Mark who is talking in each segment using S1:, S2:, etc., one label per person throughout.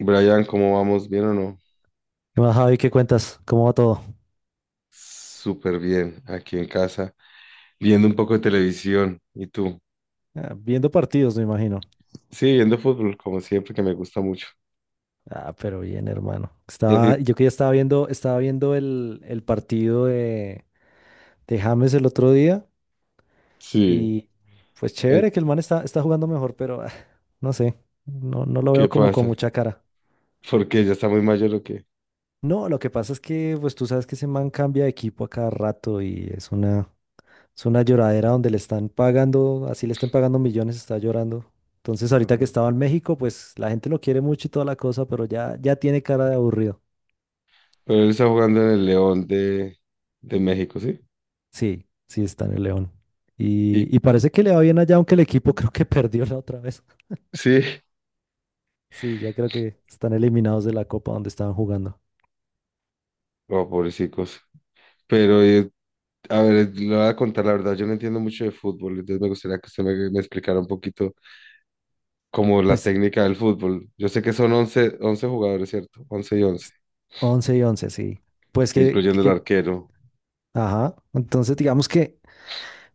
S1: Brian, ¿cómo vamos? ¿Bien o no?
S2: ¿Qué más, Javi? ¿Qué cuentas? ¿Cómo va todo?
S1: Súper bien, aquí en casa, viendo un poco de televisión. ¿Y tú?
S2: Ah, viendo partidos, me imagino.
S1: Sí, viendo fútbol, como siempre, que me gusta mucho.
S2: Ah, pero bien, hermano.
S1: Y así,
S2: Estaba, yo que ya estaba viendo, estaba viendo el partido de James el otro día
S1: sí,
S2: y pues
S1: ¿en
S2: chévere que el man está jugando mejor, pero no sé, no, no lo veo
S1: qué
S2: como con
S1: pasa?
S2: mucha cara.
S1: Porque ya está muy mayor o qué.
S2: No, lo que pasa es que pues tú sabes que ese man cambia de equipo a cada rato y es una lloradera donde le están pagando, así le estén pagando millones, está llorando. Entonces,
S1: Ah,
S2: ahorita que estaba en México, pues la gente lo quiere mucho y toda la cosa, pero ya, ya tiene cara de aburrido.
S1: pero él está jugando en el León de México, ¿sí?
S2: Sí, sí está en el León.
S1: Y,
S2: Y parece que le va bien allá, aunque el equipo creo que perdió la otra vez.
S1: sí,
S2: Sí, ya creo que están eliminados de la Copa donde estaban jugando.
S1: oh, pobrecicos. Pero, a ver, le voy a contar la verdad, yo no entiendo mucho de fútbol, entonces me gustaría que usted me explicara un poquito como la
S2: Pues
S1: técnica del fútbol. Yo sé que son 11, 11 jugadores, ¿cierto? Once y 11,
S2: 11 y 11 sí. Pues
S1: incluyendo el arquero.
S2: ajá. Entonces, digamos que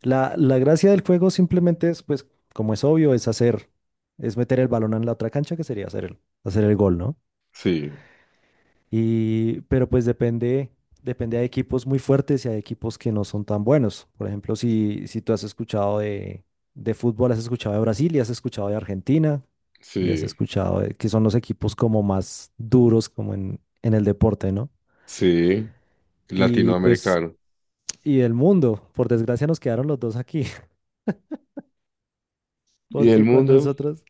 S2: la gracia del juego simplemente es, pues, como es obvio, es meter el balón en la otra cancha, que sería hacer el gol, ¿no?
S1: Sí,
S2: Y, pero pues depende, hay equipos muy fuertes y hay equipos que no son tan buenos. Por ejemplo, si tú has escuchado de fútbol, has escuchado de Brasil y has escuchado de Argentina y has
S1: sí,
S2: escuchado que son los equipos como más duros como en el deporte, ¿no?
S1: sí,
S2: Y pues,
S1: latinoamericano.
S2: y el mundo, por desgracia nos quedaron los dos aquí.
S1: ¿Y el
S2: Porque cuando
S1: mundo?
S2: nosotros...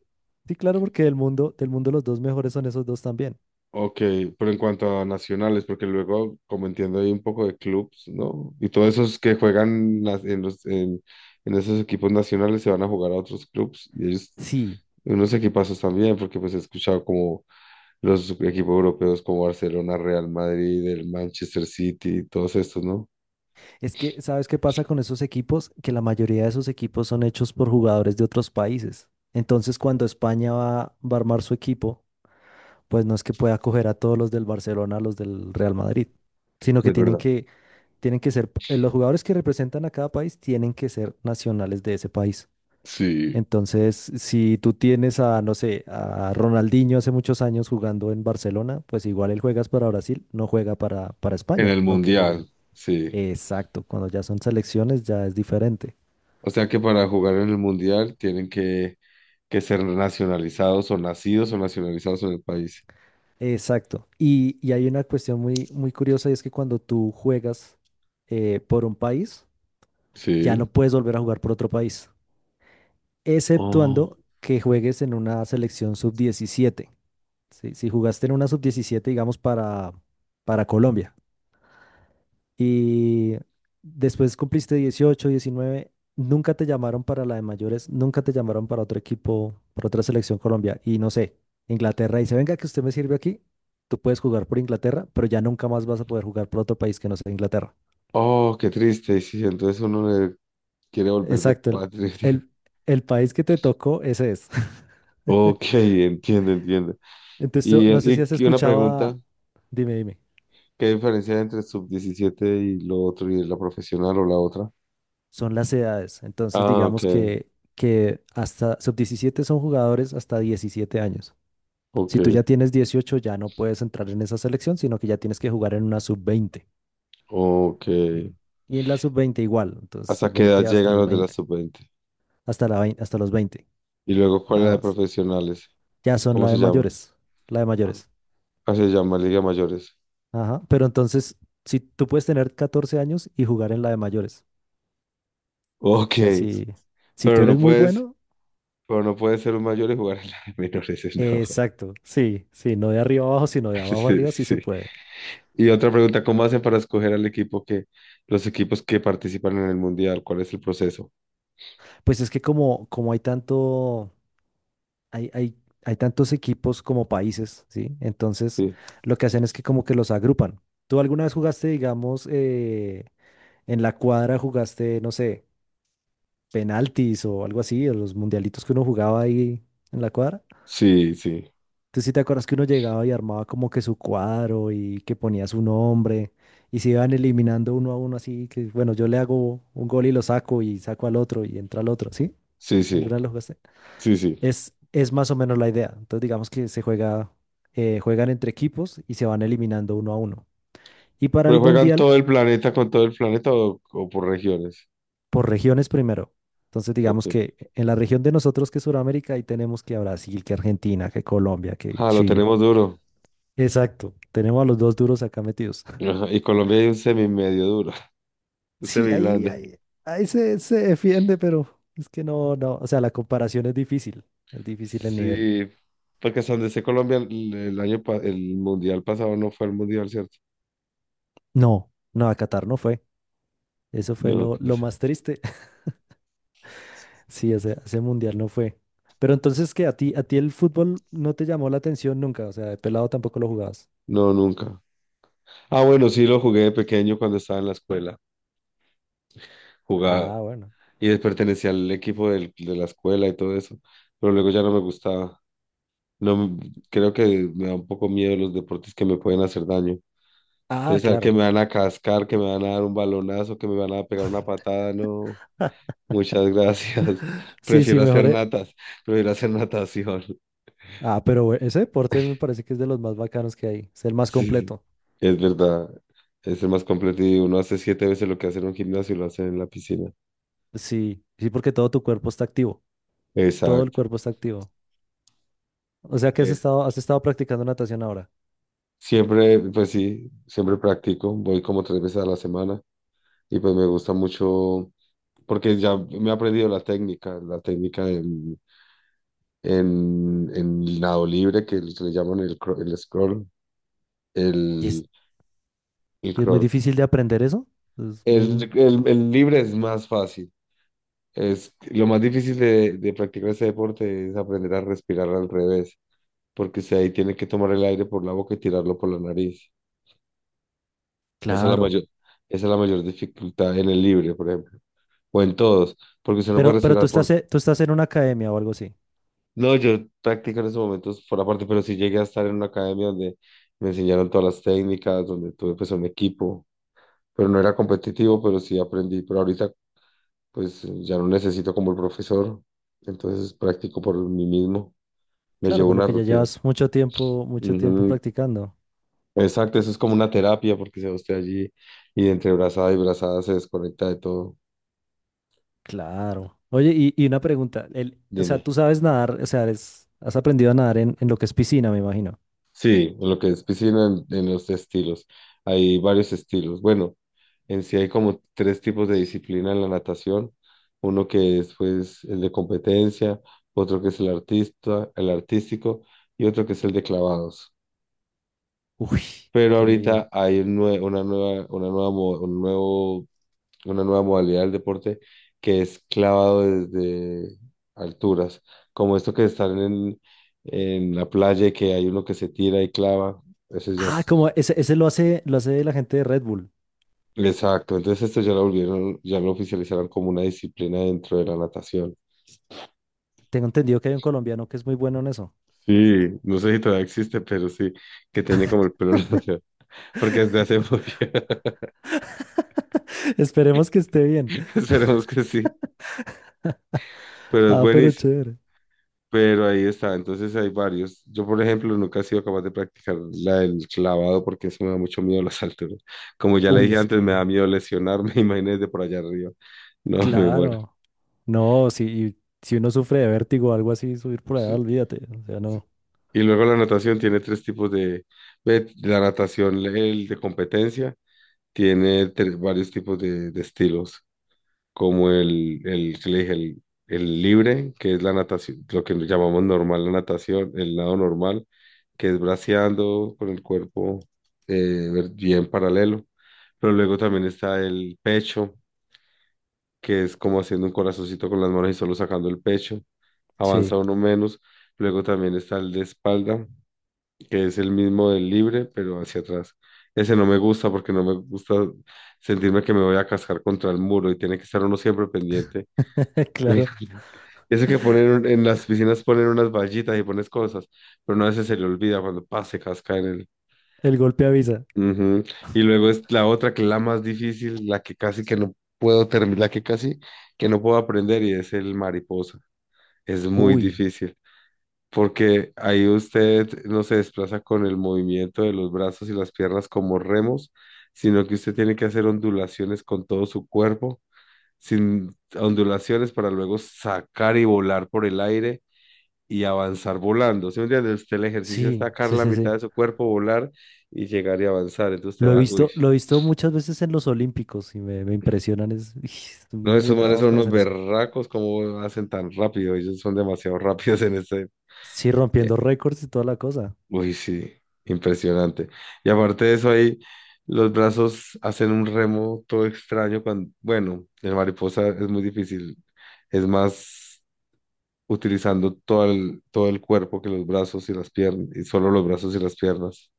S2: Sí, claro, porque del mundo los dos mejores son esos dos también.
S1: Ok, pero en cuanto a nacionales, porque luego, como entiendo, hay un poco de clubs, ¿no? Y todos esos que juegan en esos equipos nacionales se van a jugar a otros clubs y ellos,
S2: Sí,
S1: unos equipazos también, porque pues he escuchado como los equipos europeos como Barcelona, Real Madrid, el Manchester City, todos estos, ¿no?
S2: es que ¿sabes qué pasa con esos equipos? Que la mayoría de esos equipos son hechos por jugadores de otros países. Entonces, cuando España va a armar su equipo, pues no es que pueda coger a todos los del Barcelona, a los del Real Madrid, sino que
S1: Es
S2: tienen
S1: verdad.
S2: que, tienen que ser, los jugadores que representan a cada país tienen que ser nacionales de ese país.
S1: Sí,
S2: Entonces, si tú tienes a, no sé, a Ronaldinho hace muchos años jugando en Barcelona, pues igual él juegas para Brasil, no juega para
S1: en
S2: España,
S1: el
S2: aunque jueguen.
S1: mundial, sí.
S2: Exacto, cuando ya son selecciones ya es diferente.
S1: O sea que para jugar en el mundial tienen que ser nacionalizados o nacidos o nacionalizados en el país.
S2: Exacto. Y hay una cuestión muy, muy curiosa y es que cuando tú juegas por un país, ya
S1: Sí.
S2: no puedes volver a jugar por otro país,
S1: Oh,
S2: exceptuando que juegues en una selección sub diecisiete. Si jugaste en una sub diecisiete, digamos, para Colombia y después cumpliste 18, 19. Nunca te llamaron para la de mayores, nunca te llamaron para otro equipo, para otra selección Colombia. Y no sé, Inglaterra dice, venga, que usted me sirve aquí, tú puedes jugar por Inglaterra, pero ya nunca más vas a poder jugar por otro país que no sea Inglaterra.
S1: oh, qué triste. Y sí, entonces uno le quiere volver de
S2: Exacto,
S1: patria.
S2: el, el país que te tocó, ese es.
S1: Ok, entiendo, entiendo.
S2: Entonces, tú-
S1: Y,
S2: no sé si
S1: y,
S2: has
S1: y una
S2: escuchado
S1: pregunta,
S2: a- Dime, dime.
S1: ¿qué diferencia hay entre sub 17 y lo otro y la profesional o la otra?
S2: Son las edades. Entonces,
S1: Ah, ok,
S2: digamos que hasta sub diecisiete son jugadores hasta 17 años.
S1: ok,
S2: Si tú ya tienes 18 ya no puedes entrar en esa selección, sino que ya tienes que jugar en una sub veinte,
S1: ok.
S2: ¿sí? Y en la sub veinte igual, entonces
S1: ¿Hasta qué edad
S2: sub-20 hasta
S1: llegan
S2: los
S1: los de la
S2: veinte,
S1: sub 20?
S2: hasta los 20
S1: Y luego, ¿cuál es la
S2: nada
S1: de
S2: más.
S1: profesionales?
S2: Ya son
S1: ¿Cómo
S2: la
S1: se
S2: de
S1: llama?
S2: mayores, la de mayores.
S1: Ah, se llama Liga Mayores.
S2: Ajá, pero entonces, si tú puedes tener 14 años y jugar en la de mayores, o
S1: Ok,
S2: sea, si tú
S1: pero no
S2: eres muy
S1: puedes,
S2: bueno,
S1: pero no puedes ser un mayor y jugar en la de menores, no.
S2: exacto, sí, sí, no de arriba abajo, sino de abajo
S1: Sí,
S2: arriba, sí se
S1: sí.
S2: puede.
S1: Y otra pregunta, ¿cómo hacen para escoger los equipos que participan en el mundial? ¿Cuál es el proceso?
S2: Pues es que como hay tanto hay, hay, hay tantos equipos como países, ¿sí? Entonces,
S1: Sí,
S2: lo que hacen es que como que los agrupan. ¿Tú alguna vez jugaste, digamos, en la cuadra jugaste, no sé, penaltis o algo así, o los mundialitos que uno jugaba ahí en la cuadra?
S1: sí, sí,
S2: ¿Tú sí te acuerdas que uno llegaba y armaba como que su cuadro y que ponía su nombre y se iban eliminando uno a uno así, que bueno, yo le hago un gol y lo saco y saco al otro y entra al otro, ¿sí?
S1: sí, sí,
S2: ¿Alguna vez lo jugaste?
S1: sí, sí.
S2: Es más o menos la idea. Entonces, digamos que se juega, juegan entre equipos y se van eliminando uno a uno. Y para
S1: ¿Pero
S2: el
S1: juegan
S2: mundial,
S1: todo el planeta con todo el planeta o por regiones?
S2: por regiones primero. Entonces,
S1: Ok.
S2: digamos que en la región de nosotros, que es Sudamérica, ahí tenemos que a Brasil, que Argentina, que Colombia, que
S1: Ah, lo
S2: Chile.
S1: tenemos duro.
S2: Exacto. Tenemos a los dos duros acá metidos.
S1: Ajá, y Colombia hay un semi medio duro, un
S2: Sí,
S1: semi
S2: ahí,
S1: blando.
S2: ahí, ahí se defiende, pero es que no, no. O sea, la comparación es difícil. Es difícil el nivel.
S1: Sí, porque hasta donde sé Colombia el mundial pasado no fue el mundial, ¿cierto?
S2: No, no, a Qatar no fue. Eso fue
S1: No,
S2: lo,
S1: qué
S2: lo
S1: pesa-
S2: más triste. Sí, ese mundial no fue. Pero entonces, ¿qué? A ti el fútbol no te llamó la atención nunca? O sea, de pelado tampoco lo jugabas.
S1: No, nunca. Ah, bueno, sí lo jugué de pequeño cuando estaba en la escuela. Jugaba
S2: Ah, bueno.
S1: y pertenecía al equipo de la escuela y todo eso, pero luego ya no me gustaba. No, creo que me da un poco miedo los deportes que me pueden hacer daño.
S2: Ah,
S1: Entonces, saber que me
S2: claro.
S1: van a cascar, que me van a dar un balonazo, que me van a pegar una patada, no. Muchas gracias.
S2: Sí, sí,
S1: Prefiero
S2: mejor.
S1: hacer natas, prefiero hacer natación.
S2: Ah, pero bue- ese deporte me parece que es de los más bacanos que hay. Es el más
S1: Sí, sí,
S2: completo.
S1: es verdad. Es el más completo y uno hace siete veces lo que hace en un gimnasio y lo hace en la piscina.
S2: Sí, sí, porque todo tu cuerpo está activo. Todo el
S1: Exacto.
S2: cuerpo está activo. O sea que
S1: Eh,
S2: has estado practicando natación ahora.
S1: Siempre, pues sí, siempre practico. Voy como tres veces a la semana y pues me gusta mucho porque ya me he aprendido la técnica en, en nado libre que le llaman
S2: Y es,
S1: el, el
S2: y es muy
S1: crawl.
S2: difícil de aprender eso. Es muy
S1: El libre es más fácil. Lo más difícil de practicar ese deporte es aprender a respirar al revés porque usted ahí tiene que tomar el aire por la boca y tirarlo por la nariz. Esa es la
S2: claro.
S1: mayor, esa es la mayor dificultad en el libre, por ejemplo, o en todos, porque usted no puede
S2: Pero tú
S1: respirar
S2: estás,
S1: por...
S2: e- tú estás en una academia o algo así.
S1: No, yo practico en esos momentos por aparte, pero sí llegué a estar en una academia donde me enseñaron todas las técnicas, donde tuve pues un equipo, pero no era competitivo, pero sí aprendí, pero ahorita pues ya no necesito como el profesor, entonces practico por mí mismo, me
S2: Claro,
S1: llevo
S2: por lo
S1: una
S2: que ya
S1: rutina.
S2: llevas mucho tiempo
S1: Ujú,
S2: practicando.
S1: exacto, eso es como una terapia porque se va usted allí y entre brazada y brazada se desconecta de todo.
S2: Claro. Oye, y una pregunta, el, o sea,
S1: Dime.
S2: tú sabes nadar, o sea, eres- has aprendido a nadar en lo que es piscina, me imagino.
S1: Sí, en lo que es piscina, en los estilos. Hay varios estilos. Bueno, en sí hay como tres tipos de disciplina en la natación. Uno que es pues el de competencia, otro que es el artístico y otro que es el de clavados.
S2: Uy,
S1: Pero
S2: qué bien.
S1: ahorita hay una nueva, mo- un nuevo una nueva modalidad del deporte que es clavado desde alturas, como esto que están en la playa y que hay uno que se tira y clava, ese ya
S2: Ah, como
S1: es.
S2: ese lo hace la gente de Red Bull.
S1: Exacto, entonces esto ya lo volvieron, ya lo oficializaron como una disciplina dentro de la natación.
S2: Tengo entendido que hay un colombiano que es muy bueno en eso.
S1: Sí, no sé si todavía existe, pero sí, que tiene como el pelo largo, porque desde hace mucho,
S2: Esperemos que esté bien.
S1: esperemos que sí, pero es
S2: Ah, pero
S1: buenísimo.
S2: chévere.
S1: Pero ahí está, entonces hay varios. Yo, por ejemplo, nunca he sido capaz de practicar la del clavado porque eso me da mucho miedo a las alturas. Como ya le
S2: Uy,
S1: dije
S2: es
S1: antes, me
S2: que,
S1: da miedo lesionarme, imagínese por allá arriba. No, me muero.
S2: claro. No, si, y si uno sufre de vértigo o algo así, subir por allá,
S1: Sí,
S2: olvídate. O sea,
S1: sí.
S2: no.
S1: Y luego la natación tiene tres tipos de... ve, la natación, el de competencia, tiene varios tipos de estilos. Como que le dije, el libre, que es la natación, lo que llamamos normal la natación, el lado normal, que es braceando con el cuerpo bien paralelo. Pero luego también está el pecho, que es como haciendo un corazoncito con las manos y solo sacando el pecho, avanza
S2: Sí,
S1: uno menos. Luego también está el de espalda, que es el mismo del libre, pero hacia atrás. Ese no me gusta porque no me gusta sentirme que me voy a cascar contra el muro y tiene que estar uno siempre pendiente.
S2: claro.
S1: Imagínate. Eso que ponen en las piscinas ponen unas vallitas y pones cosas, pero no a veces se le olvida cuando pase, casca en el.
S2: El golpe avisa.
S1: Ujú. Y luego es la otra que es la más difícil, la que casi que no puedo terminar, la que casi que no puedo aprender y es el mariposa. Es muy
S2: Uy.
S1: difícil porque ahí usted no se desplaza con el movimiento de los brazos y las piernas como remos, sino que usted tiene que hacer ondulaciones con todo su cuerpo, sin ondulaciones para luego sacar y volar por el aire y avanzar volando. ¿Sí me entiendes? Usted el ejercicio es
S2: Sí,
S1: sacar
S2: sí,
S1: la
S2: sí,
S1: mitad
S2: sí.
S1: de su cuerpo, volar y llegar y avanzar. Entonces te va, uy.
S2: Lo he visto muchas veces en los Olímpicos y me impresionan. Es, son
S1: No,
S2: muy
S1: esos manes
S2: bravos
S1: son
S2: para
S1: unos
S2: hacer eso.
S1: berracos, ¿cómo hacen tan rápido? Ellos son demasiado rápidos en ese.
S2: Sí,
S1: eh,
S2: rompiendo récords y toda la cosa.
S1: Uy, sí, impresionante. Y aparte de eso, ahí los brazos hacen un remo todo extraño cuando, bueno, en mariposa es muy difícil. Es más utilizando todo el cuerpo que los brazos y las piernas, y solo los brazos y las piernas.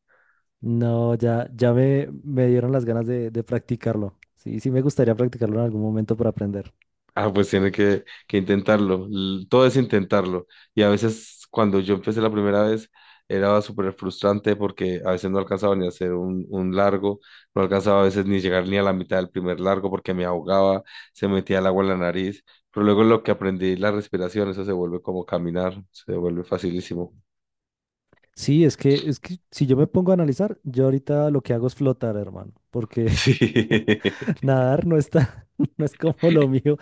S2: No, ya, ya me dieron las ganas de practicarlo. Sí, sí me gustaría practicarlo en algún momento para aprender.
S1: Ah, pues tiene que intentarlo. Todo es intentarlo. Y a veces cuando yo empecé la primera vez era súper frustrante porque a veces no alcanzaba ni a hacer un largo, no alcanzaba a veces ni llegar ni a la mitad del primer largo porque me ahogaba, se metía el agua en la nariz. Pero luego lo que aprendí, la respiración, eso se vuelve como caminar, se vuelve facilísimo.
S2: Sí, es que si yo me pongo a analizar, yo ahorita lo que hago es flotar, hermano, porque
S1: Sí,
S2: nadar no está, no es como lo mío,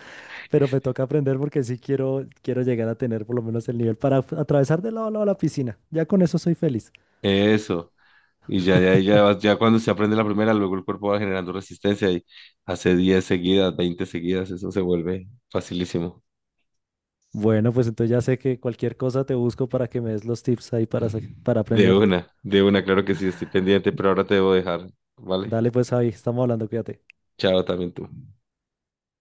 S2: pero me toca aprender porque sí quiero, quiero llegar a tener por lo menos el nivel para atravesar de lado a lado la piscina. Ya con eso soy feliz.
S1: eso. Y ya, ya, ya, ya cuando se aprende la primera, luego el cuerpo va generando resistencia y hace 10 seguidas, 20 seguidas, eso se vuelve facilísimo.
S2: Bueno, pues entonces ya sé que cualquier cosa te busco para que me des los tips ahí para aprender.
S1: De una, claro que sí, estoy pendiente, pero ahora te debo dejar, ¿vale?
S2: Dale pues Javi, estamos hablando, cuídate.
S1: Chao también tú.